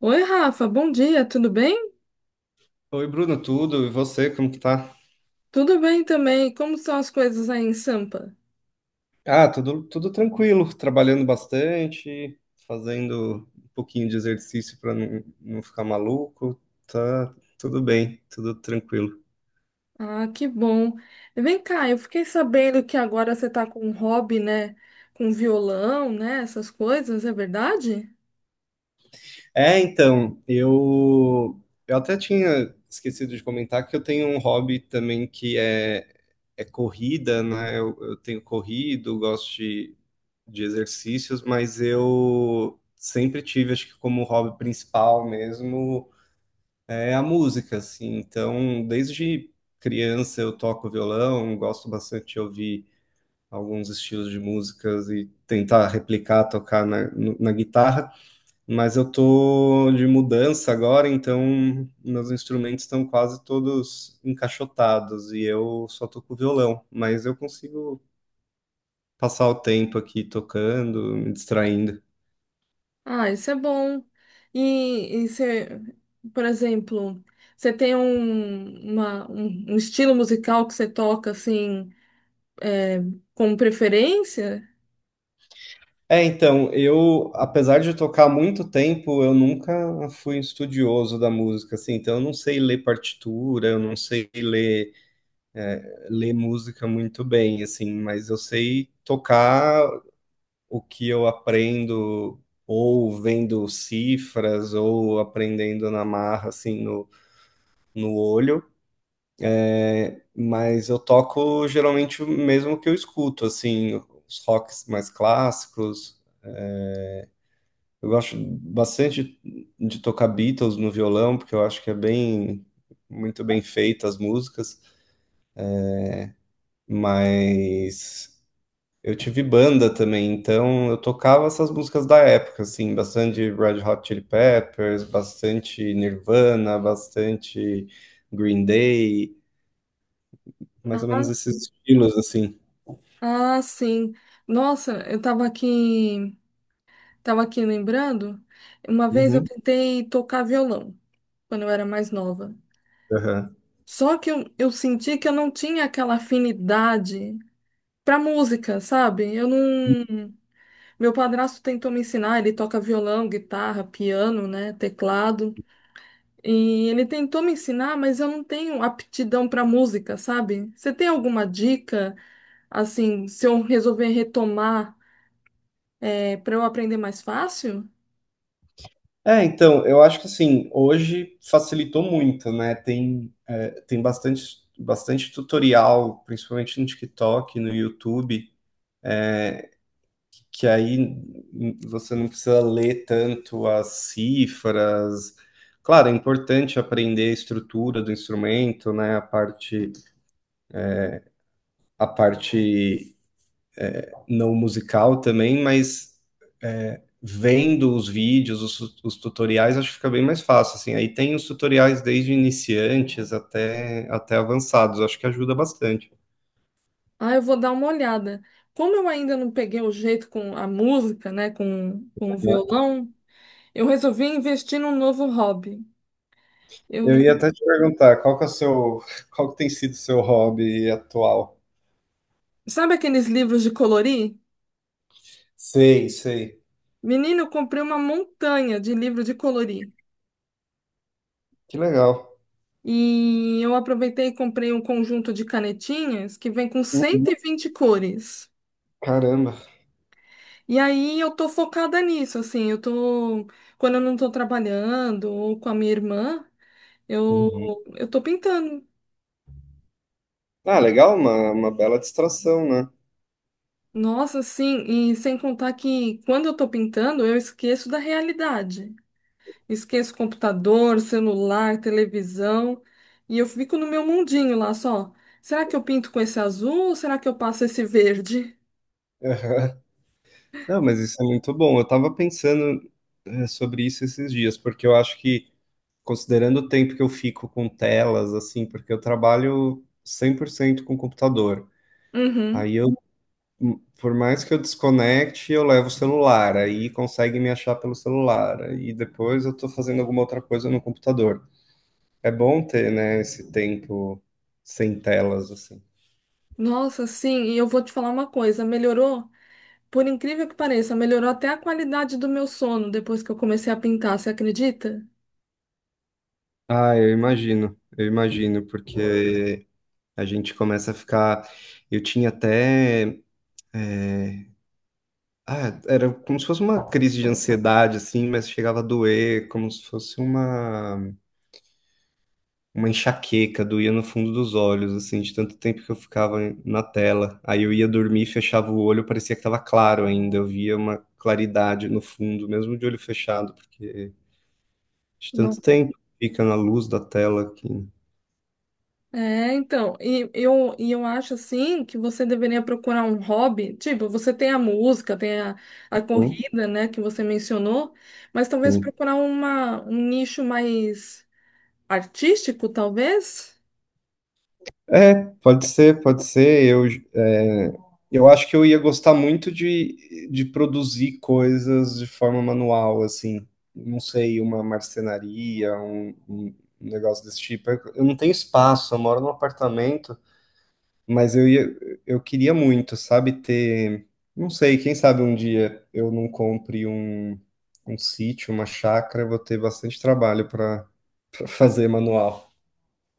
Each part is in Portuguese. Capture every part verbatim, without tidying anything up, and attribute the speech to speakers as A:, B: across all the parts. A: Oi, Rafa, bom dia, tudo bem?
B: Oi, Bruno, tudo? E você, como que tá?
A: Tudo bem também. Como estão as coisas aí em Sampa?
B: Ah, tudo, tudo tranquilo, trabalhando bastante, fazendo um pouquinho de exercício para não, não ficar maluco. Tá tudo bem, tudo tranquilo.
A: Ah, que bom. Vem cá, eu fiquei sabendo que agora você tá com um hobby, né? Com violão, né? Essas coisas, é verdade?
B: É, então, eu, eu até tinha esquecido de comentar que eu tenho um hobby também que é, é corrida, né? Eu, eu tenho corrido, gosto de, de exercícios, mas eu sempre tive, acho que como hobby principal mesmo. É a música, assim. Então, desde criança eu toco violão, gosto bastante de ouvir alguns estilos de músicas e tentar replicar, tocar na, no- na guitarra. Mas eu tô de mudança agora, então meus instrumentos estão quase todos encaixotados e eu só toco violão. Mas eu consigo passar o tempo aqui tocando, me distraindo.
A: Ah, isso é bom. E, e você, por exemplo, você tem um, uma- um, um estilo musical que você toca assim, com preferência?
B: É, então, eu, apesar de eu tocar há muito tempo, eu nunca fui um estudioso da música, assim, então eu não sei ler partitura, eu não sei ler, é, ler música muito bem, assim, mas eu sei tocar o que eu aprendo ou vendo cifras ou aprendendo na marra, assim, no, no olho, mas eu toco geralmente o mesmo que eu escuto, assim, os rocks mais clássicos. Eu gosto bastante de tocar Beatles no violão, porque eu acho que é bem, muito bem feita as músicas, mas eu tive banda também, então eu tocava essas músicas da época, assim, bastante Red Hot Chili Peppers, bastante Nirvana, bastante Green Day, mais ou
A: Ah,
B: menos esses estilos, assim.
A: ah, sim. Nossa, eu tava aqui. Estava aqui lembrando, uma vez eu
B: Uhum,
A: tentei tocar violão, quando eu era mais nova.
B: aham.
A: Só que eu, eu senti que eu não tinha aquela afinidade pra música, sabe? Eu não. Meu padrasto tentou me ensinar, ele toca violão, guitarra, piano, né, teclado. E ele tentou me ensinar, mas eu não tenho aptidão pra música, sabe? Você tem alguma dica, assim, se eu resolver retomar, é, para eu aprender mais fácil?
B: É, então, eu acho que assim, hoje facilitou muito, né? Tem, é, tem bastante, bastante tutorial, principalmente no TikTok, no YouTube, que aí n- você não precisa ler tanto as cifras. Claro, é importante aprender a estrutura do instrumento, né? A parte, a parte não musical também, mas é, vendo os vídeos, os, os tutoriais, acho que fica bem mais fácil, assim. Aí tem os tutoriais desde iniciantes até, até avançados, acho que ajuda bastante.
A: Ah, eu vou dar uma olhada. Como eu ainda não peguei o jeito com a música, né, com, com o
B: Né?
A: violão, eu resolvi investir num novo hobby.
B: Eu
A: Eu,
B: ia até te perguntar, qual que é o seu, qual que tem sido o seu hobby atual?
A: sabe aqueles livros de colorir?
B: Sei, sei.
A: Menino, eu comprei uma montanha de livro de colorir.
B: Que legal.
A: E eu aproveitei e comprei um conjunto de canetinhas que vem com cento e
B: Uhum.
A: vinte cores.
B: Caramba.
A: E aí eu tô focada nisso, assim, eu tô, quando eu não tô trabalhando ou com a minha irmã, eu,
B: Uhum.
A: eu tô pintando.
B: Ah, legal, uma, uma bela distração, né?
A: Nossa, sim, e sem contar que quando eu tô pintando, eu esqueço da realidade. Esqueço computador, celular, televisão, e eu fico no meu mundinho lá só. Será que eu pinto com esse azul ou será que eu passo esse verde?
B: Aham. Não, mas isso é muito bom. Eu tava pensando, eh, sobre isso esses dias, porque eu acho que considerando o tempo que eu fico com telas, assim, porque eu trabalho cem por cento com computador.
A: Uhum.
B: Aí eu, hum, por mais que eu desconecte, eu levo o celular, aí consegue me achar pelo celular. Aí depois eu tô fazendo alguma outra coisa no computador. É bom ter, né, esse tempo sem telas, assim.
A: Nossa, sim, e eu vou te falar uma coisa, melhorou, por incrível que pareça, melhorou até a qualidade do meu sono depois que eu comecei a pintar, você acredita?
B: Ah, eu imagino, eu imagino, porque a gente começa a ficar. Eu tinha até. Ah, era como se fosse uma crise de ansiedade, assim, mas chegava a doer, como se fosse uma, uma enxaqueca, doía no fundo dos olhos, assim, de tanto tempo que eu ficava na tela. Aí eu ia dormir, fechava o olho, parecia que estava claro ainda, eu via uma claridade no fundo, mesmo de olho fechado, porque de tanto tempo fica na luz da tela aqui.
A: É, então, e eu, e eu acho assim que você deveria procurar um hobby, tipo, você tem a música, tem a, a
B: Sim,
A: corrida, né, que você mencionou, mas talvez
B: sim.
A: procurar uma, um nicho mais artístico, talvez.
B: É, pode ser, pode ser. Eu, é, eu acho que eu ia gostar muito de, de produzir coisas de forma manual, assim. Não sei, uma marcenaria, um, um negócio desse tipo. Eu, eu não tenho espaço, eu moro num apartamento, mas eu ia, eu queria muito, sabe, ter. Não sei, quem sabe um dia eu não compre um, um sítio, uma chácara, eu vou ter bastante trabalho para fazer manual.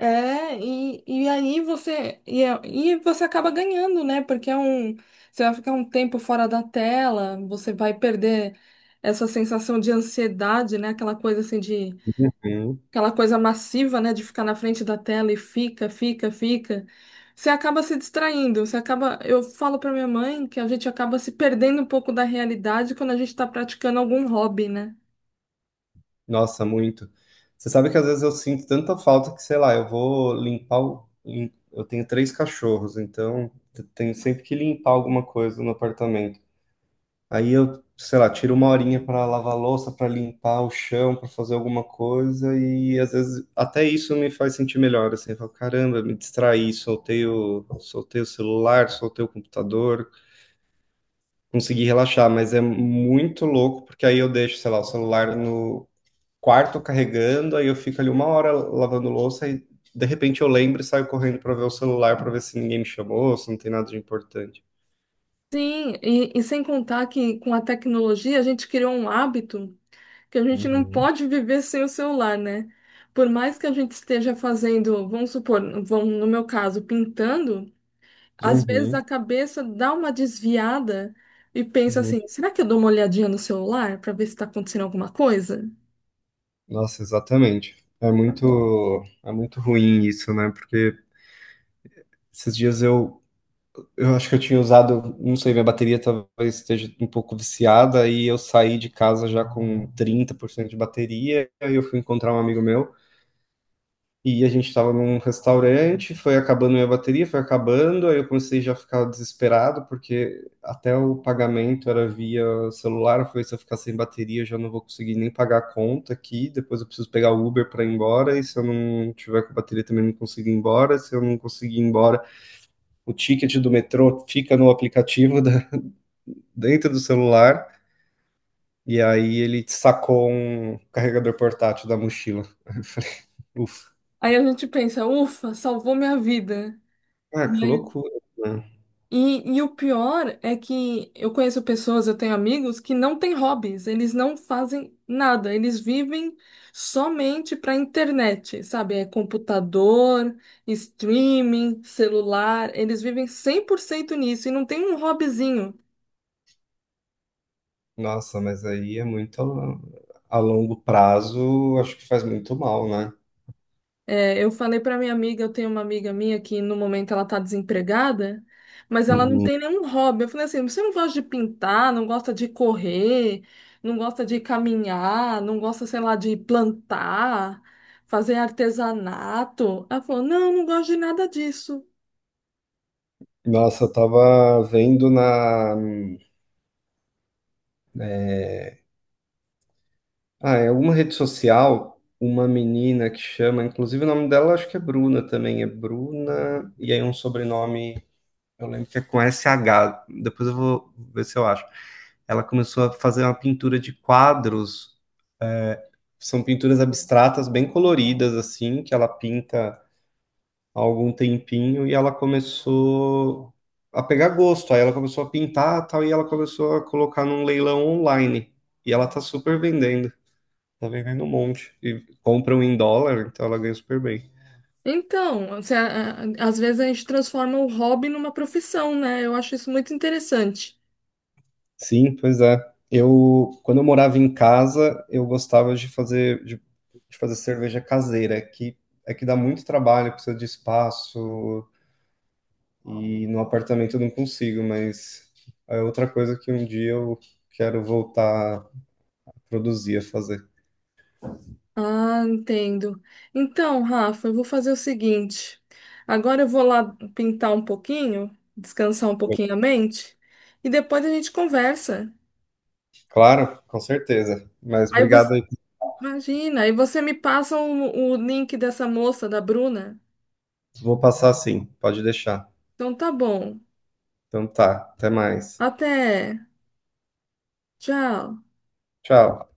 A: É, e, e aí você e, é- e você acaba ganhando, né? Porque é um, você vai ficar um tempo fora da tela, você vai perder essa sensação de ansiedade, né? Aquela coisa assim de aquela coisa massiva, né, de ficar na frente da tela e fica, fica, fica, você acaba se distraindo, você acaba, eu falo para minha mãe que a gente acaba se perdendo um pouco da realidade quando a gente está praticando algum hobby, né?
B: Nossa, muito. Você sabe que às vezes eu sinto tanta falta que, sei lá, eu vou limpar o. lim- eu tenho três cachorros, então eu tenho sempre que limpar alguma coisa no apartamento. Aí eu, sei lá, tiro uma horinha para lavar a louça, para limpar o chão, para fazer alguma coisa, e às vezes até isso me faz sentir melhor, assim, eu falo, caramba, me distraí, soltei o, soltei o celular, soltei o computador, consegui relaxar, mas é muito louco, porque aí eu deixo, sei lá, o celular no quarto carregando, aí eu fico ali uma hora lavando louça e de repente eu lembro e saio correndo para ver o celular para ver se ninguém me chamou, se não tem nada de importante.
A: Sim, e, e sem contar que com a tecnologia a gente criou um hábito que a gente não
B: Uhum.
A: pode viver sem o celular, né? Por mais que a gente esteja fazendo, vamos supor, vamos, no meu caso, pintando, às vezes
B: Uhum.
A: a cabeça dá uma desviada e pensa assim:
B: Muito-
A: será que eu dou uma olhadinha no celular para ver se está acontecendo alguma coisa?
B: Nossa, exatamente. É muito, é muito ruim isso, né? Porque esses dias eu, eu acho que eu tinha usado, não sei, minha bateria talvez esteja um pouco viciada, e eu saí de casa já com trinta por cento de bateria, aí eu fui encontrar um amigo meu. E a gente estava num restaurante, foi acabando minha bateria, foi acabando, aí eu comecei já a ficar desesperado, porque até o pagamento era via celular, eu falei, se eu ficar sem bateria, eu já não vou conseguir nem pagar a conta aqui, depois eu preciso pegar o Uber para ir embora, e se eu não tiver com bateria também não consigo ir embora, se eu não conseguir ir embora, o ticket do metrô fica no aplicativo da- dentro do celular, e aí ele sacou um carregador portátil da mochila. Eu falei, ufa,
A: Aí a gente pensa: ufa, salvou minha vida,
B: ah, que
A: né?
B: loucura. Né?
A: E, e o pior é que eu conheço pessoas, eu tenho amigos que não têm hobbies, eles não fazem nada, eles vivem somente para internet, sabe? É computador, streaming, celular, eles vivem cem por cento nisso e não tem um hobbyzinho.
B: Nossa, mas aí é muito a, a longo prazo, acho que faz muito mal, né?
A: É, eu falei para minha amiga, eu tenho uma amiga minha que no momento ela tá desempregada, mas ela não
B: Uhum.
A: tem nenhum hobby. Eu falei assim, você não gosta de pintar, não gosta de correr, não gosta de caminhar, não gosta, sei lá, de plantar, fazer artesanato. Ela falou, não, não gosto de nada disso.
B: Nossa, eu tava vendo na, ah, em alguma rede social uma menina que chama, inclusive o nome dela acho que é Bruna também, é Bruna, e aí um sobrenome, eu lembro que é com S H. Depois eu vou ver se eu acho. Ela começou a fazer uma pintura de quadros, são pinturas abstratas bem coloridas assim, que ela pinta há algum tempinho e ela começou a pegar gosto. Aí ela começou a pintar tal e ela começou a colocar num leilão online. E ela tá super vendendo, tá vendendo um monte. E compram em dólar, então ela ganha super bem.
A: Então, você, a- a- às vezes a gente transforma o hobby numa profissão, né? Eu acho isso muito interessante.
B: Sim, pois é. Eu, quando eu morava em casa, eu gostava de fazer de, de fazer cerveja caseira, é que é que dá muito trabalho, precisa de espaço e no apartamento eu não consigo, mas é outra coisa que um dia eu quero voltar produzia fazer.
A: Ah, entendo. Então, Rafa, eu vou fazer o seguinte. Agora eu vou lá pintar um pouquinho, descansar um pouquinho a mente, e depois a gente conversa.
B: Claro, com certeza. Mas
A: Aí você,
B: obrigado aí.
A: imagina, aí você me passa o, o link dessa moça, da Bruna.
B: Vou passar sim, pode deixar.
A: Então tá bom.
B: Então tá, até mais.
A: Até. Tchau.
B: Tchau.